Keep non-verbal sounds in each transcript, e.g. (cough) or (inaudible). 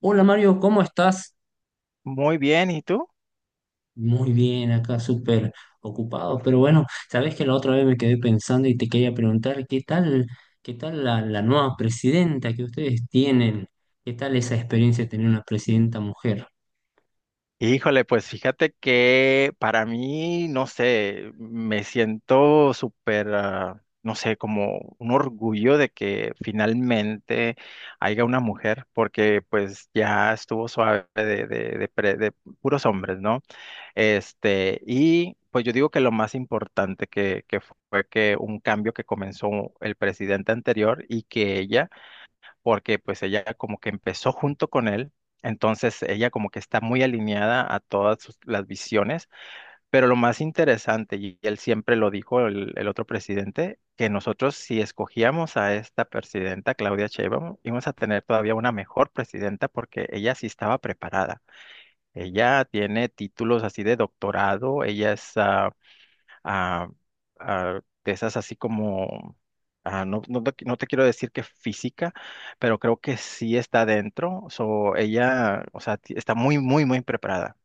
Hola Mario, ¿cómo estás? Muy bien, ¿y tú? Muy bien, acá súper ocupado, pero bueno, sabes que la otra vez me quedé pensando y te quería preguntar qué tal, qué tal la nueva presidenta que ustedes tienen, qué tal esa experiencia de tener una presidenta mujer. Híjole, pues fíjate que para mí, no sé, me siento súper, no sé, como un orgullo de que finalmente haya una mujer, porque pues ya estuvo suave de puros hombres, ¿no? Este, y pues yo digo que lo más importante que fue que un cambio que comenzó el presidente anterior y que ella porque pues ella como que empezó junto con él, entonces ella como que está muy alineada a las visiones, pero lo más interesante, y él siempre lo dijo, el otro presidente, que nosotros si escogíamos a esta presidenta, Claudia Sheinbaum, íbamos a tener todavía una mejor presidenta porque ella sí estaba preparada. Ella tiene títulos así de doctorado, ella es a, a de esas así como, no, no, te no te quiero decir que física, pero creo que sí está dentro. So, ella, o sea, está muy, muy, muy preparada.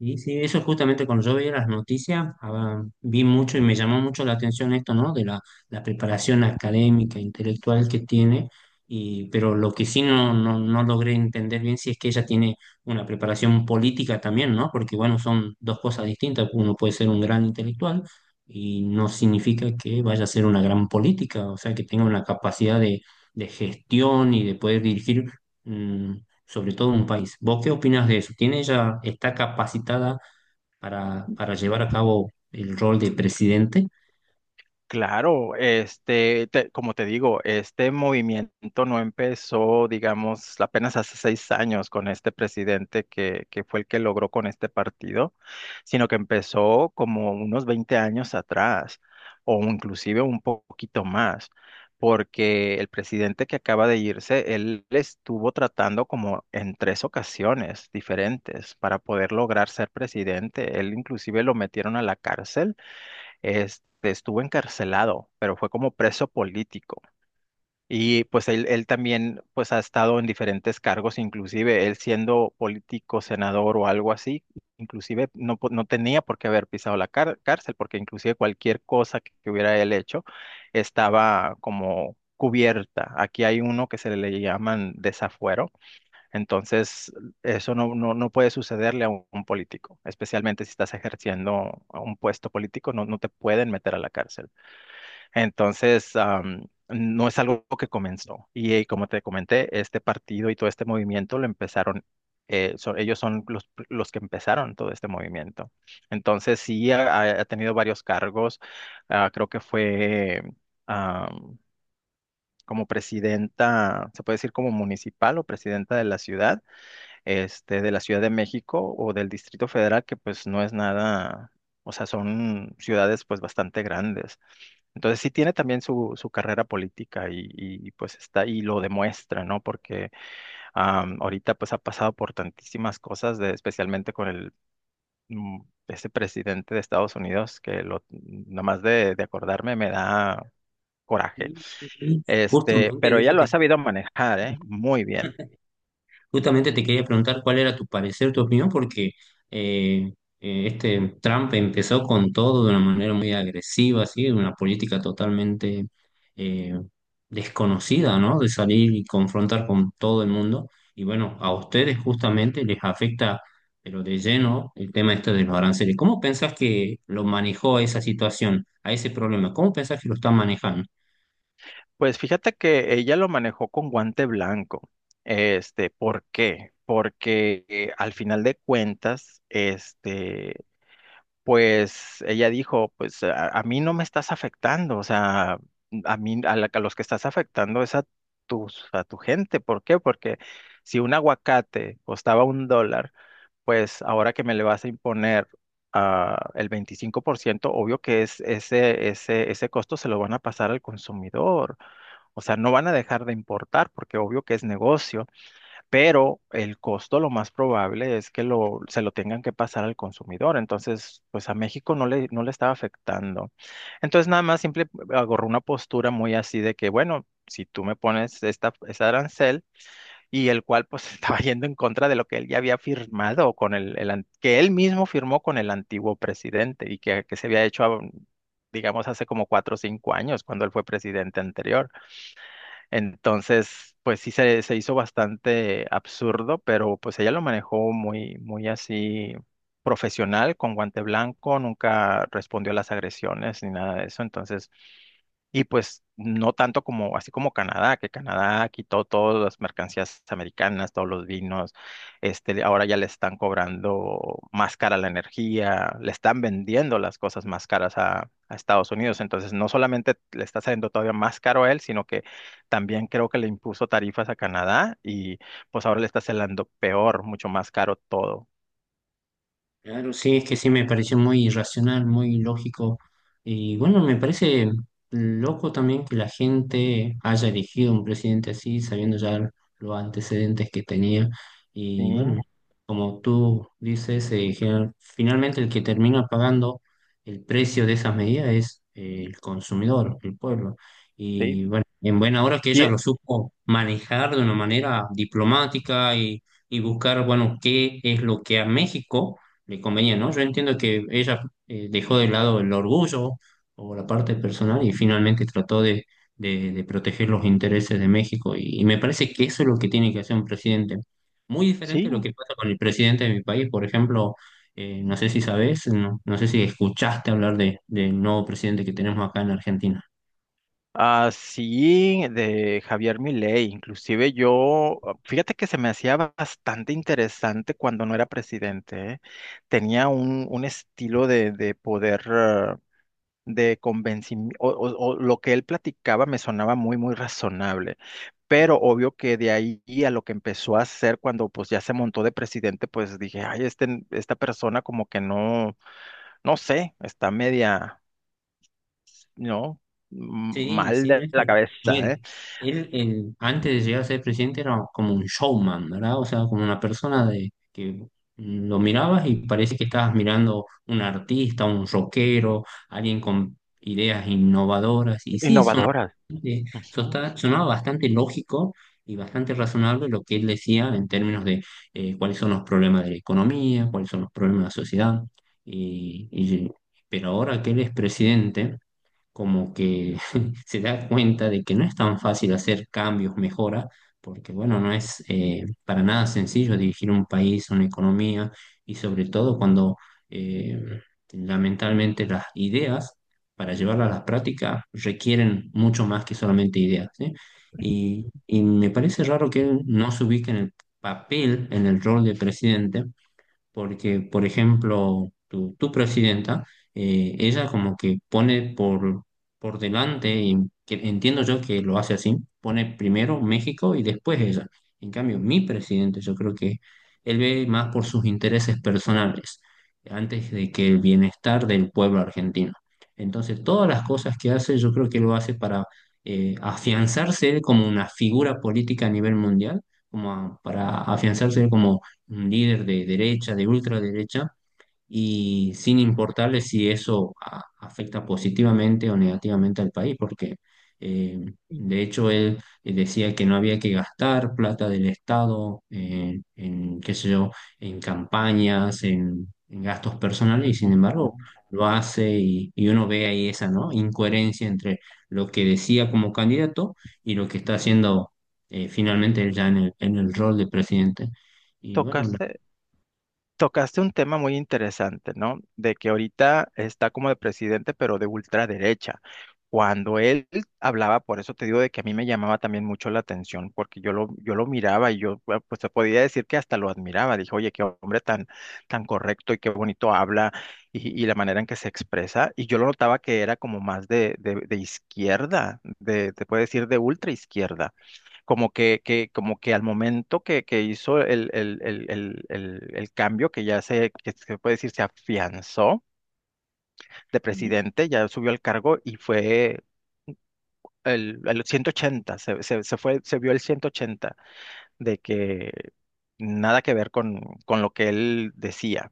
Y sí, eso justamente cuando yo veía las noticias, vi mucho y me llamó mucho la atención esto, ¿no? De la preparación académica, intelectual que tiene, y, pero lo que sí no logré entender bien si es que ella tiene una preparación política también, ¿no? Porque bueno, son dos cosas distintas, uno puede ser un gran intelectual y no significa que vaya a ser una gran política, o sea, que tenga una capacidad de gestión y de poder dirigir. mm, Sobre todo un país. ¿Vos qué opinas de eso? ¿Tiene ella, está capacitada para llevar a cabo el rol de presidente? Claro, este, como te digo, este movimiento no empezó, digamos, apenas hace seis años con este presidente que fue el que logró con este partido, sino que empezó como unos 20 años atrás, o inclusive un poquito más, porque el presidente que acaba de irse, él estuvo tratando como en tres ocasiones diferentes para poder lograr ser presidente. Él inclusive lo metieron a la cárcel, este, estuvo encarcelado, pero fue como preso político. Y pues él también pues ha estado en diferentes cargos, inclusive él siendo político, senador o algo así, inclusive no, no tenía por qué haber pisado la cárcel, porque inclusive cualquier cosa que hubiera él hecho estaba como cubierta. Aquí hay uno que se le llaman desafuero, entonces, eso no, no, no puede sucederle a un político, especialmente si estás ejerciendo a un puesto político, no, no te pueden meter a la cárcel. Entonces, no es algo que comenzó. Y, como te comenté, este partido y todo este movimiento lo empezaron, ellos son los que empezaron todo este movimiento. Entonces, sí, ha tenido varios cargos. Ah, creo que fue... am, como presidenta, se puede decir como municipal o presidenta de la ciudad, este, de la Ciudad de México o del Distrito Federal, que pues no es nada, o sea, son ciudades pues bastante grandes. Entonces sí tiene también su carrera política y, pues está y lo demuestra, ¿no? Porque ahorita pues ha pasado por tantísimas cosas, de, especialmente con el... mm, ese presidente de Estados Unidos que lo, nomás de acordarme me da coraje. Y, y Este, justamente pero de ella eso lo ha te sabido manejar, ¿eh? Muy bien. Justamente te quería preguntar cuál era tu parecer, tu opinión, porque eh, este Trump empezó con todo de una manera muy agresiva, así, de una política totalmente eh, desconocida, ¿no? De salir y confrontar con todo el mundo. Y bueno, a ustedes justamente les afecta, pero de lleno, el tema este de los aranceles. ¿Cómo pensás que lo manejó a esa situación, a ese problema? ¿Cómo pensás que lo está manejando? Pues fíjate que ella lo manejó con guante blanco. Este, ¿por qué? Porque al final de cuentas, este, pues ella dijo, pues a mí no me estás afectando, o sea, a mí, a los que estás afectando es a a tu gente. ¿Por qué? Porque si un aguacate costaba un dólar, pues ahora que me le vas a imponer el 25%, obvio que es ese costo se lo van a pasar al consumidor. O sea, no van a dejar de importar porque obvio que es negocio, pero el costo lo más probable es que lo, se lo tengan que pasar al consumidor. Entonces, pues a México no le estaba afectando. Entonces, nada más simple agarró una postura muy así de que, bueno, si tú me pones este arancel y el cual pues (laughs) estaba yendo en contra de lo que él ya había firmado con el, que él mismo firmó con el antiguo presidente y que se había hecho, digamos, hace como cuatro o cinco años cuando él fue presidente anterior. Entonces, pues sí se hizo bastante absurdo, pero pues ella lo manejó muy, muy así profesional, con guante blanco, nunca respondió a las agresiones ni nada de eso. Entonces, y pues no tanto como, así como Canadá, que Canadá quitó todas las mercancías americanas, todos los vinos, este, ahora ya le están cobrando más cara la energía, le están vendiendo las cosas más caras a Estados Unidos. Entonces, no solamente le está saliendo todavía más caro a él, sino que también creo que le impuso tarifas a Canadá y pues ahora le está saliendo peor, mucho más caro todo. Claro, sí, es que sí me pareció muy irracional, muy lógico. Y bueno, me parece loco también que la gente haya elegido un presidente así, sabiendo ya los antecedentes que tenía. Y Sí, bueno, como tú dices, finalmente el que termina pagando el precio de esas medidas es el consumidor, el pueblo. sí. Y bueno, en buena hora que ella Y lo supo manejar de una manera diplomática y buscar, bueno, qué es lo que a México le convenía, ¿no? Yo entiendo que ella dejó de lado el orgullo o la parte personal y finalmente trató de, de proteger los intereses de México. Y me parece que eso es lo que tiene que hacer un presidente. Muy diferente a lo sí, que pasa con el presidente de mi país. Por ejemplo, no sé si sabes, no, no sé si escuchaste hablar de, del nuevo presidente que tenemos acá en Argentina. así de Javier Milei, inclusive yo, fíjate que se me hacía bastante interesante cuando no era presidente, ¿eh? Tenía un estilo de poder, de convencimiento, o lo que él platicaba me sonaba muy, muy razonable, pero obvio que de ahí a lo que empezó a hacer cuando pues ya se montó de presidente, pues dije, ay, este, esta persona como que no, no sé, está media, ¿no? m- Sí, mal sí, no de es que- la a cabeza, ¿eh? ver, él antes de llegar a ser presidente era como un showman, ¿verdad? O sea, como una persona de que lo mirabas y parece que estabas mirando un artista, un rockero, alguien con ideas innovadoras. Y sí, Innovadoras. bastante- Ujú, sonaba bastante lógico y bastante razonable lo que él decía en términos de cuáles son los problemas de la economía, cuáles son los problemas de la sociedad. Y, y- pero ahora que él es presidente como que (laughs) se da cuenta de que no es tan fácil hacer cambios, mejoras, porque bueno, no es para nada sencillo dirigir un país, una economía, y sobre todo cuando eh, lamentablemente las ideas para llevarlas a la práctica requieren mucho más que solamente ideas, ¿sí? Y me parece raro que él no se ubique en el papel, en el rol de presidente, porque, por ejemplo, tu presidenta, ella como que pone por delante, y que entiendo yo que lo hace así, pone primero México y después ella. En cambio, mi presidente, yo creo que él ve más por sus intereses personales, antes de que el bienestar del pueblo argentino. Entonces, todas las cosas que hace, yo creo que lo hace para afianzarse él como una figura política a nivel mundial, como para afianzarse él como un líder de derecha, de ultraderecha, y sin importarle si eso afecta positivamente o negativamente al país, porque eh, de hecho él decía que no había que gastar plata del Estado en, qué sé yo, en campañas, en gastos personales, y ujú, sin embargo ujú. lo hace y uno ve ahí esa, ¿no? Incoherencia entre lo que decía como candidato y lo que está haciendo finalmente él ya en el rol de presidente. Y bueno, Tocaste, tocaste un tema muy interesante, ¿no? De que ahorita está como de presidente, pero de ultraderecha. Cuando él hablaba, por eso te digo de que a mí me llamaba también mucho la atención, porque yo lo miraba y yo, bueno, pues te podía decir que hasta lo admiraba. Dije, oye, qué hombre tan, tan correcto y qué bonito habla y la manera en que se expresa. Y yo lo notaba que era como más de izquierda, de, te puede decir de ultra izquierda como como que al momento que hizo el cambio, que ya se, que se puede decir, se afianzó de presidente, ya subió al cargo y fue el 180 se fue, se vio el 180 de que nada que ver con lo que él decía.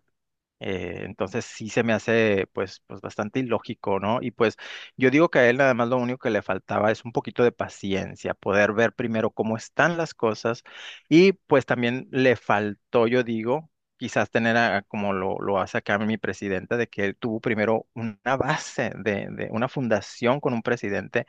Entonces sí se me hace pues bastante ilógico, ¿no? Y pues yo digo que a él nada más lo único que le faltaba es un poquito de paciencia, poder ver primero cómo están las cosas y pues también le faltó, yo digo, quizás como lo hace acá mi presidente, de que él tuvo primero una base de una fundación con un presidente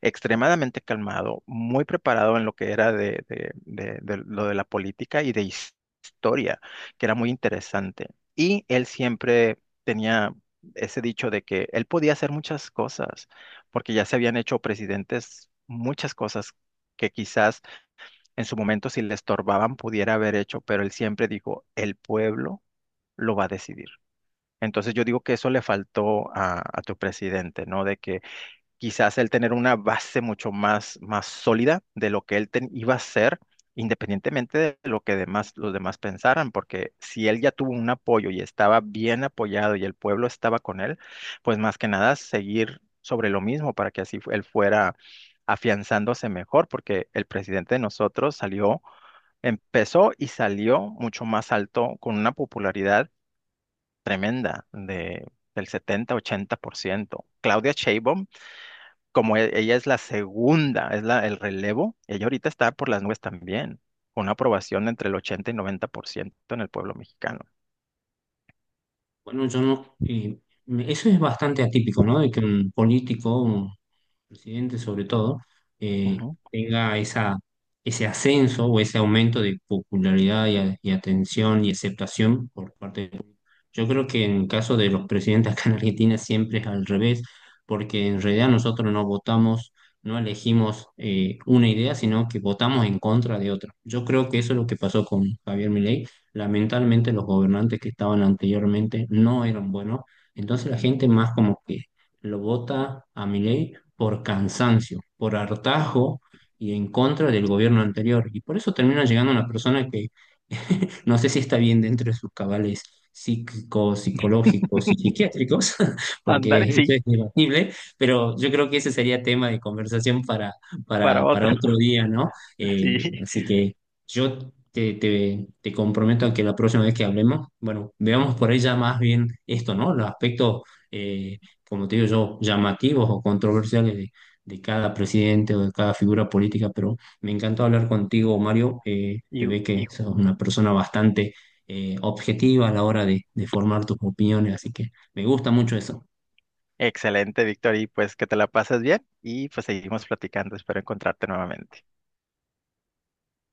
extremadamente calmado, muy preparado en lo que era de lo de la política y de historia, que era muy interesante. Y él siempre tenía ese dicho de que él podía hacer muchas cosas, porque ya se habían hecho presidentes muchas cosas que quizás en su momento si le estorbaban pudiera haber hecho, pero él siempre dijo, el pueblo lo va a decidir. Entonces yo digo que eso le faltó a tu presidente, ¿no? De que quizás él tener una base mucho más, más sólida de lo que iba a ser, independientemente de lo que demás, los demás pensaran, porque si él ya tuvo un apoyo y estaba bien apoyado y el pueblo estaba con él, pues más que nada seguir sobre lo mismo para que así él fuera afianzándose mejor, porque el presidente de nosotros salió, empezó y salió mucho más alto con una popularidad tremenda de, del setenta ochenta por ciento. Claudia Sheinbaum, como ella es la segunda, es la, el relevo, ella ahorita está por las nubes también, con una aprobación de entre el 80 y 90% en el pueblo mexicano. bueno, yo no. Eso es bastante atípico, ¿no? De que un político, presidente sobre todo, eh, Ujú. tenga esa, ese ascenso o ese aumento de popularidad y, y atención y aceptación por parte del público. Yo creo que en el caso de los presidentes acá en Argentina siempre es al revés, porque en realidad nosotros no votamos, no elegimos una idea, sino que votamos en contra de otra. Yo creo que eso es lo que pasó con Javier Milei. Lamentablemente los gobernantes que estaban anteriormente no eran buenos, entonces la gente más como que lo vota a Milei por cansancio, por hartazgo y en contra del gobierno anterior. Y por eso termina llegando una persona que (laughs) no sé si está bien dentro de sus cabales psíquicos, psicológicos y (laughs) psiquiátricos, (laughs) Andar, porque eso sí, es debatible, pero yo creo que ese sería tema de conversación para para otra, otro día, ¿no? (laughs) Eh, sí. Así que yo te comprometo a que la próxima vez que hablemos, bueno, veamos por ella más bien esto, ¿no? Los aspectos... eh, como te digo yo, llamativos o controversiales de cada presidente o de cada figura política, pero me encantó hablar contigo, Ya. Mario. Te Y ve que sos una persona bastante objetiva a la hora de formar tus opiniones, así que me gusta mucho eso. excelente, Víctor, y pues que te la pases bien y pues seguimos platicando, espero encontrarte nuevamente.